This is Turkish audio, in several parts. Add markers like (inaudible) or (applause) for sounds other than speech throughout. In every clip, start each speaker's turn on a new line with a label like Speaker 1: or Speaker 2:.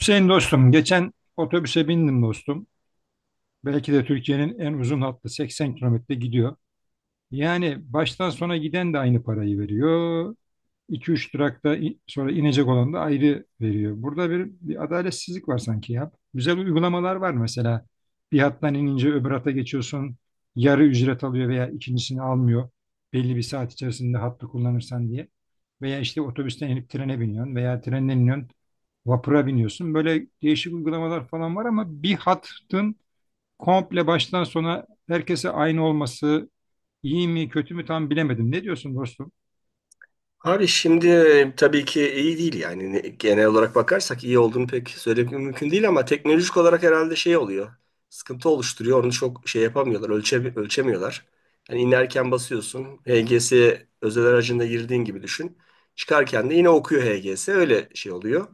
Speaker 1: Hüseyin dostum, geçen otobüse bindim dostum. Belki de Türkiye'nin en uzun hattı 80 kilometre gidiyor. Yani baştan sona giden de aynı parayı veriyor. 2-3 durakta sonra inecek olan da ayrı veriyor. Burada bir adaletsizlik var sanki ya. Güzel uygulamalar var mesela. Bir hattan inince öbür hata geçiyorsun. Yarı ücret alıyor veya ikincisini almıyor. Belli bir saat içerisinde hattı kullanırsan diye. Veya işte otobüsten inip trene biniyorsun veya trenden iniyorsun. Vapura biniyorsun. Böyle değişik uygulamalar falan var ama bir hattın komple baştan sona herkese aynı olması iyi mi kötü mü tam bilemedim. Ne diyorsun dostum?
Speaker 2: Abi şimdi tabii ki iyi değil, yani genel olarak bakarsak iyi olduğunu pek söylemek mümkün değil, ama teknolojik olarak herhalde şey oluyor. Sıkıntı oluşturuyor. Onu çok şey yapamıyorlar. Ölçemiyorlar. Yani inerken basıyorsun. HGS özel aracında girdiğin gibi düşün. Çıkarken de yine okuyor HGS. Öyle şey oluyor.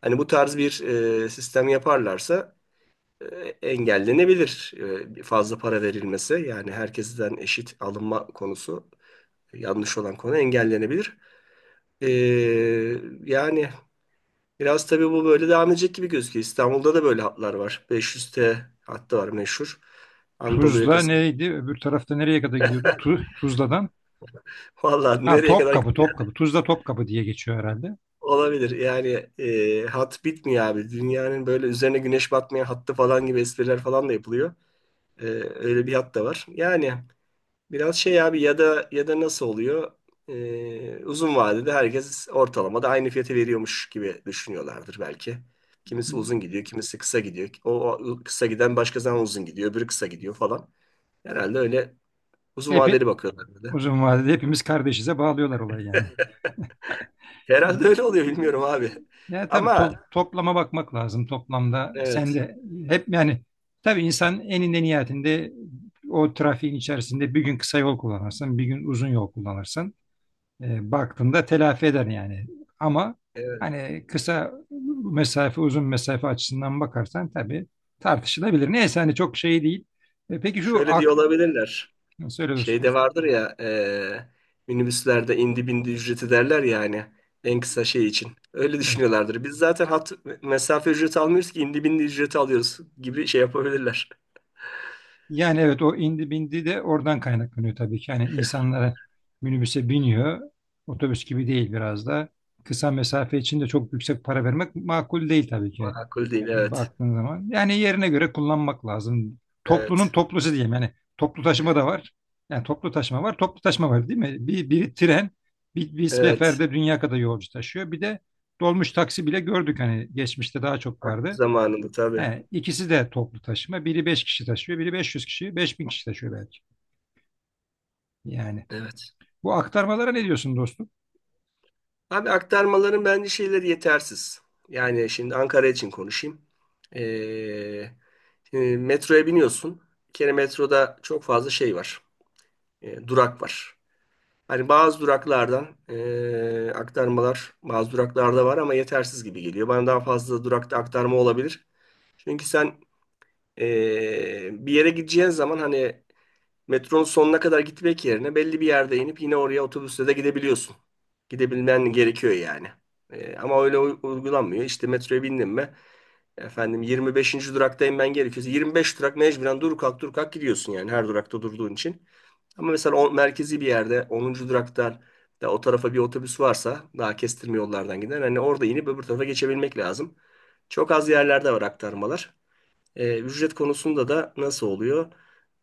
Speaker 2: Hani bu tarz bir sistem yaparlarsa e, engellenebilir. Fazla para verilmesi, yani herkesten eşit alınma konusu, yanlış olan konu engellenebilir. Ee, Yani biraz tabii bu böyle devam edecek gibi gözüküyor. İstanbul'da da böyle hatlar var. 500T hattı var, meşhur. Anadolu
Speaker 1: Tuzla
Speaker 2: yakası.
Speaker 1: neydi? Öbür tarafta nereye kadar gidiyordu? Tuzla'dan.
Speaker 2: (laughs) Vallahi
Speaker 1: Ha
Speaker 2: nereye kadar
Speaker 1: Topkapı,
Speaker 2: gidiyor
Speaker 1: Topkapı. Tuzla Topkapı diye geçiyor herhalde.
Speaker 2: olabilir. Yani, hat bitmiyor abi. Dünyanın böyle üzerine güneş batmayan hattı falan gibi espriler falan da yapılıyor. Ee, Öyle bir hat da var. Yani biraz şey abi, ya da nasıl oluyor? Uzun vadede herkes ortalamada aynı fiyatı veriyormuş gibi düşünüyorlardır belki. Kimisi uzun gidiyor, kimisi kısa gidiyor. O kısa giden başka zaman uzun gidiyor, öbürü kısa gidiyor falan. Herhalde öyle uzun
Speaker 1: Epi
Speaker 2: vadeli bakıyorlar bir de.
Speaker 1: uzun vadede hepimiz kardeşize bağlıyorlar olayı yani.
Speaker 2: (laughs) Herhalde öyle oluyor, bilmiyorum abi.
Speaker 1: Ya tabii
Speaker 2: Ama
Speaker 1: toplama bakmak lazım toplamda. Sen
Speaker 2: evet,
Speaker 1: de hep yani tabii insan eninde niyetinde o trafiğin içerisinde bir gün kısa yol kullanırsın, bir gün uzun yol kullanırsın. Baktığında telafi eder yani. Ama
Speaker 2: evet.
Speaker 1: hani kısa mesafe, uzun mesafe açısından bakarsan tabii tartışılabilir. Neyse hani çok şey değil. E, peki şu
Speaker 2: Şöyle diye
Speaker 1: ak
Speaker 2: olabilirler.
Speaker 1: söyle dostum.
Speaker 2: Şeyde vardır ya, minibüslerde indi bindi ücreti derler ya, hani en kısa şey için. Öyle
Speaker 1: Evet.
Speaker 2: düşünüyorlardır. Biz zaten hat mesafe ücreti almıyoruz ki indi bindi ücreti alıyoruz gibi şey yapabilirler.
Speaker 1: Yani evet o indi bindi de oradan kaynaklanıyor tabii ki. Yani insanlara minibüse biniyor. Otobüs gibi değil biraz da. Kısa mesafe için de çok yüksek para vermek makul değil tabii ki
Speaker 2: Makul değil, evet.
Speaker 1: baktığın zaman. Yani yerine göre kullanmak lazım. Toplunun
Speaker 2: Evet.
Speaker 1: toplusu diyeyim. Yani toplu taşıma da var. Yani toplu taşıma var, toplu taşıma var değil mi? Bir, biri tren, bir
Speaker 2: Evet.
Speaker 1: seferde dünya kadar yolcu taşıyor. Bir de dolmuş taksi bile gördük hani geçmişte daha çok vardı.
Speaker 2: Zamanında tabii.
Speaker 1: He, ikisi de toplu taşıma. Biri 5 kişi taşıyor, biri 500 kişi, 5000 kişi taşıyor belki. Yani
Speaker 2: Evet.
Speaker 1: bu aktarmalara ne diyorsun dostum?
Speaker 2: Abi aktarmaların bence şeyleri yetersiz. Yani şimdi Ankara için konuşayım. Eee, Şimdi metroya biniyorsun. Bir kere metroda çok fazla şey var. Durak var. Hani bazı duraklardan aktarmalar bazı duraklarda var ama yetersiz gibi geliyor. Bana daha fazla durakta aktarma olabilir. Çünkü sen bir yere gideceğin zaman hani metronun sonuna kadar gitmek yerine belli bir yerde inip yine oraya otobüsle de gidebiliyorsun. Gidebilmen gerekiyor yani. Ama öyle uygulanmıyor. İşte metroya bindim mi, efendim 25. duraktayım, ben gerekiyorsa 25 durak mecburen dur kalk dur kalk gidiyorsun yani, her durakta durduğun için. Ama mesela o merkezi bir yerde onuncu duraktan da o tarafa bir otobüs varsa daha kestirme yollardan giden, hani orada inip öbür tarafa geçebilmek lazım. Çok az yerlerde var aktarmalar. Ücret konusunda da nasıl oluyor?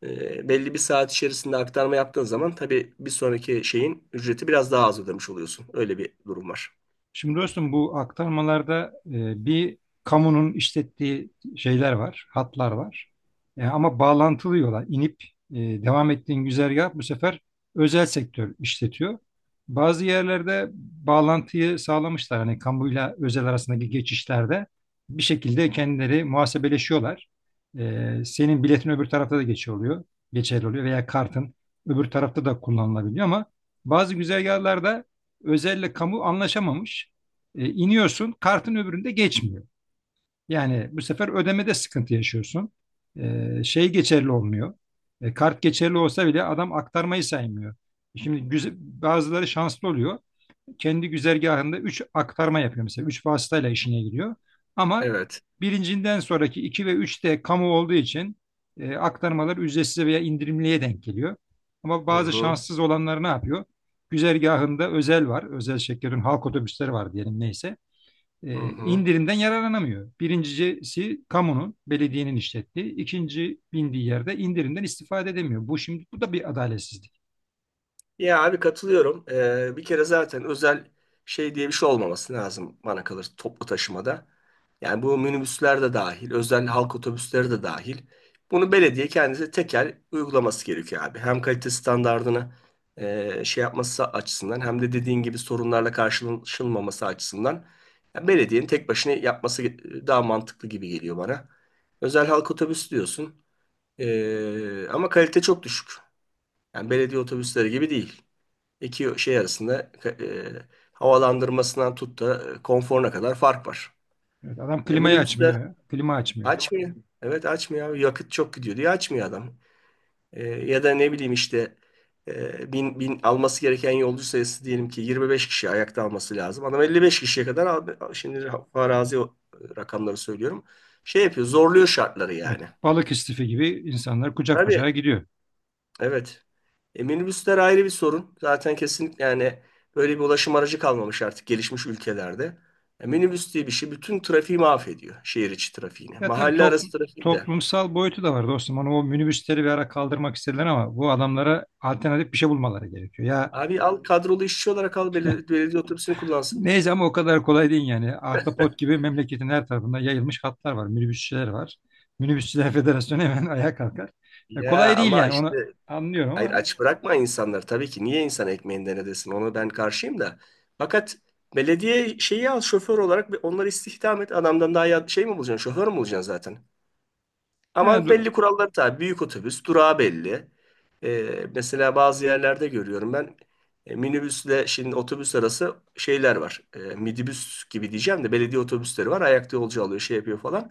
Speaker 2: Belli bir saat içerisinde aktarma yaptığın zaman tabii bir sonraki şeyin ücreti biraz daha az ödemiş oluyorsun. Öyle bir durum var.
Speaker 1: Şimdi dostum bu aktarmalarda bir kamunun işlettiği şeyler var, hatlar var. E, ama bağlantılı yola inip e, devam ettiğin güzergah bu sefer özel sektör işletiyor. Bazı yerlerde bağlantıyı sağlamışlar. Hani kamuyla özel arasındaki geçişlerde bir şekilde kendileri muhasebeleşiyorlar. E, senin biletin öbür tarafta da geçiyor oluyor, geçerli oluyor veya kartın öbür tarafta da kullanılabiliyor ama bazı güzergahlarda özelle kamu anlaşamamış. E, iniyorsun kartın öbüründe geçmiyor. Yani bu sefer ödemede sıkıntı yaşıyorsun. E, şey geçerli olmuyor. E, kart geçerli olsa bile adam aktarmayı saymıyor. E, şimdi güzel, bazıları şanslı oluyor kendi güzergahında 3 aktarma yapıyor mesela. 3 vasıtayla işine gidiyor. Ama
Speaker 2: Evet.
Speaker 1: birincinden sonraki 2 ve 3 de kamu olduğu için aktarmalar ücretsiz veya indirimliye denk geliyor. Ama
Speaker 2: Hı
Speaker 1: bazı
Speaker 2: hı.
Speaker 1: şanssız olanlar ne yapıyor? Güzergahında özel var. Özel şirketlerin halk otobüsleri var diyelim neyse.
Speaker 2: Hı
Speaker 1: E,
Speaker 2: hı.
Speaker 1: indirimden yararlanamıyor. Birincisi kamunun, belediyenin işlettiği. İkinci bindiği yerde indirimden istifade edemiyor. Bu şimdi bu da bir adaletsizlik.
Speaker 2: Ya abi, katılıyorum. Bir kere zaten özel şey diye bir şey olmaması lazım bana kalır, toplu taşımada. Yani bu minibüsler de dahil, özel halk otobüsleri de dahil. Bunu belediye kendisi tekel uygulaması gerekiyor abi. Hem kalite standardını şey yapması açısından, hem de dediğin gibi sorunlarla karşılaşılmaması açısından, ya belediyenin tek başına yapması daha mantıklı gibi geliyor bana. Özel halk otobüsü diyorsun. Ama kalite çok düşük. Yani belediye otobüsleri gibi değil. İki şey arasında havalandırmasından tut da konforuna kadar fark var.
Speaker 1: Evet, adam klimayı
Speaker 2: Minibüsler
Speaker 1: açmıyor. Klima açmıyor.
Speaker 2: açmıyor. Evet, açmıyor abi. Yakıt çok gidiyor diye açmıyor adam. Ya da ne bileyim işte, bin alması gereken yolcu sayısı, diyelim ki 25 kişi ayakta alması lazım. Adam 55 kişiye kadar aldı. Şimdi farazi rakamları söylüyorum. Şey yapıyor, zorluyor şartları
Speaker 1: Evet,
Speaker 2: yani.
Speaker 1: balık istifi gibi insanlar kucak
Speaker 2: Tabii.
Speaker 1: kucağa gidiyor.
Speaker 2: Evet. Minibüsler ayrı bir sorun. Zaten kesinlikle yani böyle bir ulaşım aracı kalmamış artık gelişmiş ülkelerde. Minibüs diye bir şey bütün trafiği mahvediyor. Şehir içi trafiğini.
Speaker 1: Ya tabii
Speaker 2: Mahalle arası trafiği de.
Speaker 1: toplumsal boyutu da var dostum. Onu o minibüsleri bir ara kaldırmak istediler ama bu adamlara alternatif bir şey bulmaları gerekiyor. Ya
Speaker 2: Abi al, kadrolu işçi olarak al, belediye otobüsünü kullansın.
Speaker 1: neyse ama o kadar kolay değil yani. Ahtapot gibi memleketin her tarafında yayılmış hatlar var, minibüsçüler var. Minibüsçüler Federasyonu hemen (laughs) ayağa kalkar. Ya
Speaker 2: Ya
Speaker 1: kolay değil
Speaker 2: ama
Speaker 1: yani
Speaker 2: işte,
Speaker 1: onu anlıyorum
Speaker 2: hayır,
Speaker 1: ama
Speaker 2: aç bırakma insanları. Tabii ki niye insan ekmeğinden edesin? Ona ben karşıyım da. Fakat belediye şeyi al şoför olarak ve onları istihdam et. Adamdan daha şey mi bulacaksın? Şoför mü bulacaksın zaten? Ama
Speaker 1: yani
Speaker 2: belli kuralları tabii. Büyük otobüs, durağı belli. Mesela bazı yerlerde görüyorum ben, minibüsle şimdi otobüs arası şeyler var. Midibüs gibi diyeceğim de, belediye otobüsleri var. Ayakta yolcu alıyor, şey yapıyor falan.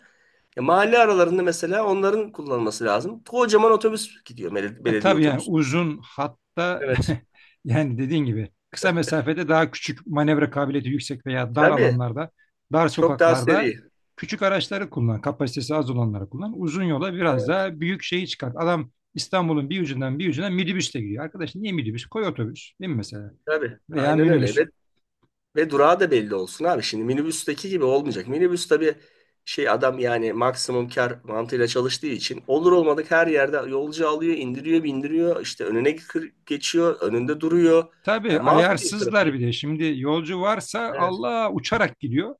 Speaker 2: Mahalle aralarında mesela onların kullanılması lazım. Kocaman otobüs gidiyor, belediye
Speaker 1: Tabii yani
Speaker 2: otobüsü.
Speaker 1: uzun hatta
Speaker 2: Evet.
Speaker 1: (laughs) yani dediğin gibi kısa mesafede daha küçük manevra kabiliyeti yüksek veya dar
Speaker 2: Tabii.
Speaker 1: alanlarda, dar
Speaker 2: Çok daha
Speaker 1: sokaklarda
Speaker 2: seri.
Speaker 1: küçük araçları kullan, kapasitesi az olanları kullan. Uzun yola biraz
Speaker 2: Evet.
Speaker 1: daha büyük şeyi çıkart. Adam İstanbul'un bir ucundan bir ucuna minibüsle gidiyor. Arkadaş niye minibüs? Koy otobüs değil mi mesela?
Speaker 2: Tabii.
Speaker 1: Veya
Speaker 2: Aynen
Speaker 1: minibüs.
Speaker 2: öyle. Ve durağı da belli olsun abi. Şimdi minibüsteki gibi olmayacak. Minibüs tabii, şey adam yani maksimum kar mantığıyla çalıştığı için olur olmadık her yerde yolcu alıyor, indiriyor, bindiriyor. İşte önüne geçiyor, önünde duruyor.
Speaker 1: Tabii
Speaker 2: Yani mahvediyor
Speaker 1: ayarsızlar
Speaker 2: trafiği.
Speaker 1: bir de. Şimdi yolcu varsa
Speaker 2: Evet.
Speaker 1: Allah uçarak gidiyor.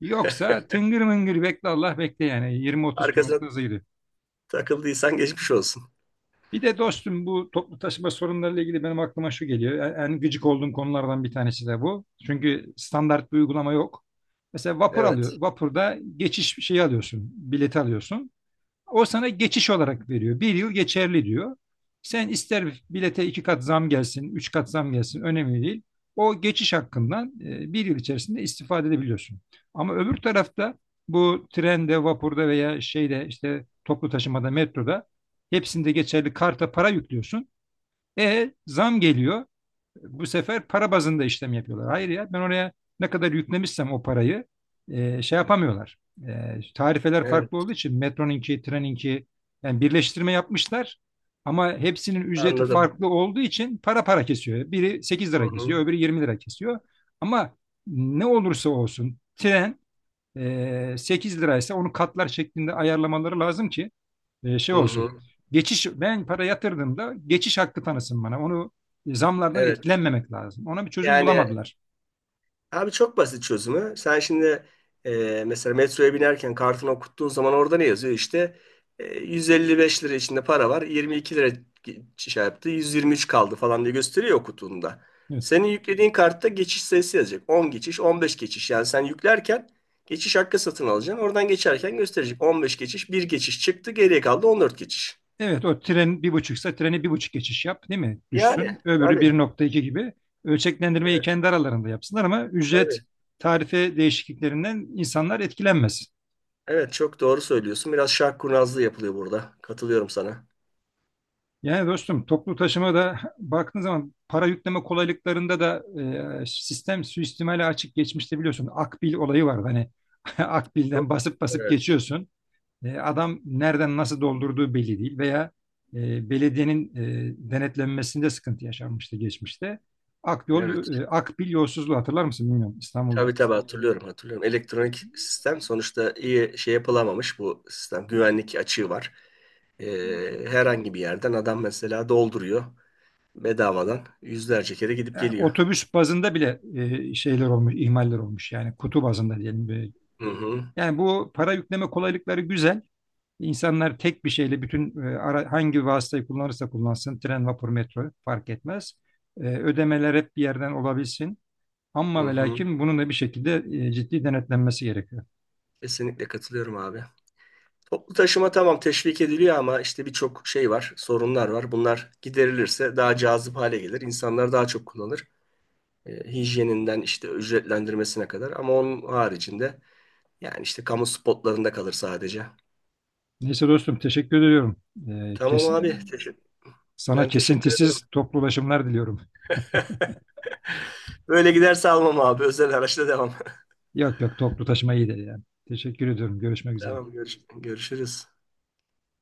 Speaker 1: Yoksa
Speaker 2: (laughs)
Speaker 1: tıngır mıngır bekle Allah bekle yani 20-30
Speaker 2: Arkasına
Speaker 1: kilometre hızıyla.
Speaker 2: takıldıysan geçmiş olsun.
Speaker 1: Bir de dostum bu toplu taşıma sorunlarıyla ilgili benim aklıma şu geliyor. En gıcık olduğum konulardan bir tanesi de bu. Çünkü standart bir uygulama yok. Mesela vapur alıyor.
Speaker 2: Evet.
Speaker 1: Vapurda geçiş şeyi alıyorsun, bileti alıyorsun. O sana geçiş olarak veriyor. Bir yıl geçerli diyor. Sen ister bilete iki kat zam gelsin, üç kat zam gelsin önemli değil. O geçiş hakkından bir yıl içerisinde istifade edebiliyorsun. Ama öbür tarafta bu trende, vapurda veya şeyde işte toplu taşımada, metroda hepsinde geçerli karta para yüklüyorsun. E zam geliyor. Bu sefer para bazında işlem yapıyorlar. Hayır ya ben oraya ne kadar yüklemişsem o parayı şey yapamıyorlar. E, tarifeler
Speaker 2: Evet.
Speaker 1: farklı olduğu için metronunki, treninki yani birleştirme yapmışlar. Ama hepsinin ücreti
Speaker 2: Anladım.
Speaker 1: farklı olduğu için para para kesiyor. Biri 8
Speaker 2: Hı
Speaker 1: lira
Speaker 2: hı.
Speaker 1: kesiyor, öbürü 20 lira kesiyor. Ama ne olursa olsun tren 8 liraysa onu katlar şeklinde ayarlamaları lazım ki şey
Speaker 2: Hı
Speaker 1: olsun.
Speaker 2: hı.
Speaker 1: Geçiş ben para yatırdığımda geçiş hakkı tanısın bana. Onu zamlardan
Speaker 2: Evet.
Speaker 1: etkilenmemek lazım. Ona bir çözüm
Speaker 2: Yani,
Speaker 1: bulamadılar.
Speaker 2: abi çok basit çözümü. Sen şimdi mesela metroya binerken kartını okuttuğun zaman orada ne yazıyor? İşte 155 lira içinde para var. 22 lira şey yaptı. 123 kaldı falan diye gösteriyor okuduğunda.
Speaker 1: Evet.
Speaker 2: Senin yüklediğin kartta geçiş sayısı yazacak. 10 geçiş, 15 geçiş. Yani sen yüklerken geçiş hakkı satın alacaksın. Oradan geçerken gösterecek. 15 geçiş, bir geçiş çıktı. Geriye kaldı 14 geçiş.
Speaker 1: Evet o tren bir buçuksa treni bir buçuk geçiş yap değil mi? Düşsün.
Speaker 2: Yani
Speaker 1: Öbürü
Speaker 2: tabii.
Speaker 1: bir nokta iki gibi ölçeklendirmeyi
Speaker 2: Evet,
Speaker 1: kendi aralarında yapsınlar ama ücret
Speaker 2: tabii.
Speaker 1: tarife değişikliklerinden insanlar etkilenmesin.
Speaker 2: Evet, çok doğru söylüyorsun. Biraz şark kurnazlığı yapılıyor burada. Katılıyorum sana.
Speaker 1: Yani dostum toplu taşıma da (laughs) baktığın zaman para yükleme kolaylıklarında da sistem suistimale açık geçmişte biliyorsun. Akbil olayı var. Hani (laughs) Akbil'den basıp basıp
Speaker 2: Evet,
Speaker 1: geçiyorsun. E, adam nereden nasıl doldurduğu belli değil veya belediyenin denetlenmesinde sıkıntı yaşanmıştı geçmişte. Akyol,
Speaker 2: evet.
Speaker 1: Akbil yolsuzluğu hatırlar mısın bilmiyorum
Speaker 2: Tabii
Speaker 1: İstanbul'da.
Speaker 2: tabii, hatırlıyorum, hatırlıyorum. Elektronik sistem sonuçta, iyi şey yapılamamış bu sistem. Güvenlik açığı var. Herhangi bir yerden adam mesela dolduruyor, bedavadan yüzlerce kere gidip
Speaker 1: E,
Speaker 2: geliyor.
Speaker 1: otobüs bazında bile şeyler olmuş, ihmaller olmuş yani kutu bazında diyelim. Böyle.
Speaker 2: Hı hı,
Speaker 1: Yani bu para yükleme kolaylıkları güzel. İnsanlar tek bir şeyle bütün hangi vasıtayı kullanırsa kullansın, tren, vapur, metro fark etmez. E, ödemeler hep bir yerden olabilsin.
Speaker 2: hı
Speaker 1: Ama ve
Speaker 2: hı.
Speaker 1: lakin bunun da bir şekilde ciddi denetlenmesi gerekiyor.
Speaker 2: Kesinlikle katılıyorum abi. Toplu taşıma tamam, teşvik ediliyor ama işte birçok şey var, sorunlar var. Bunlar giderilirse daha cazip hale gelir. İnsanlar daha çok kullanır. Hijyeninden işte ücretlendirmesine kadar. Ama onun haricinde, yani işte kamu spotlarında kalır sadece.
Speaker 1: Neyse dostum teşekkür ediyorum. Ee,
Speaker 2: Tamam
Speaker 1: kesin,
Speaker 2: abi. Evet. Teşekkür.
Speaker 1: Sana
Speaker 2: Ben teşekkür ederim.
Speaker 1: kesintisiz toplu ulaşımlar diliyorum.
Speaker 2: Böyle giderse almam abi. Özel araçla devam.
Speaker 1: Yok yok toplu taşıma iyidir yani. Teşekkür ediyorum. Görüşmek
Speaker 2: (laughs)
Speaker 1: üzere.
Speaker 2: Tamam, görüşürüz.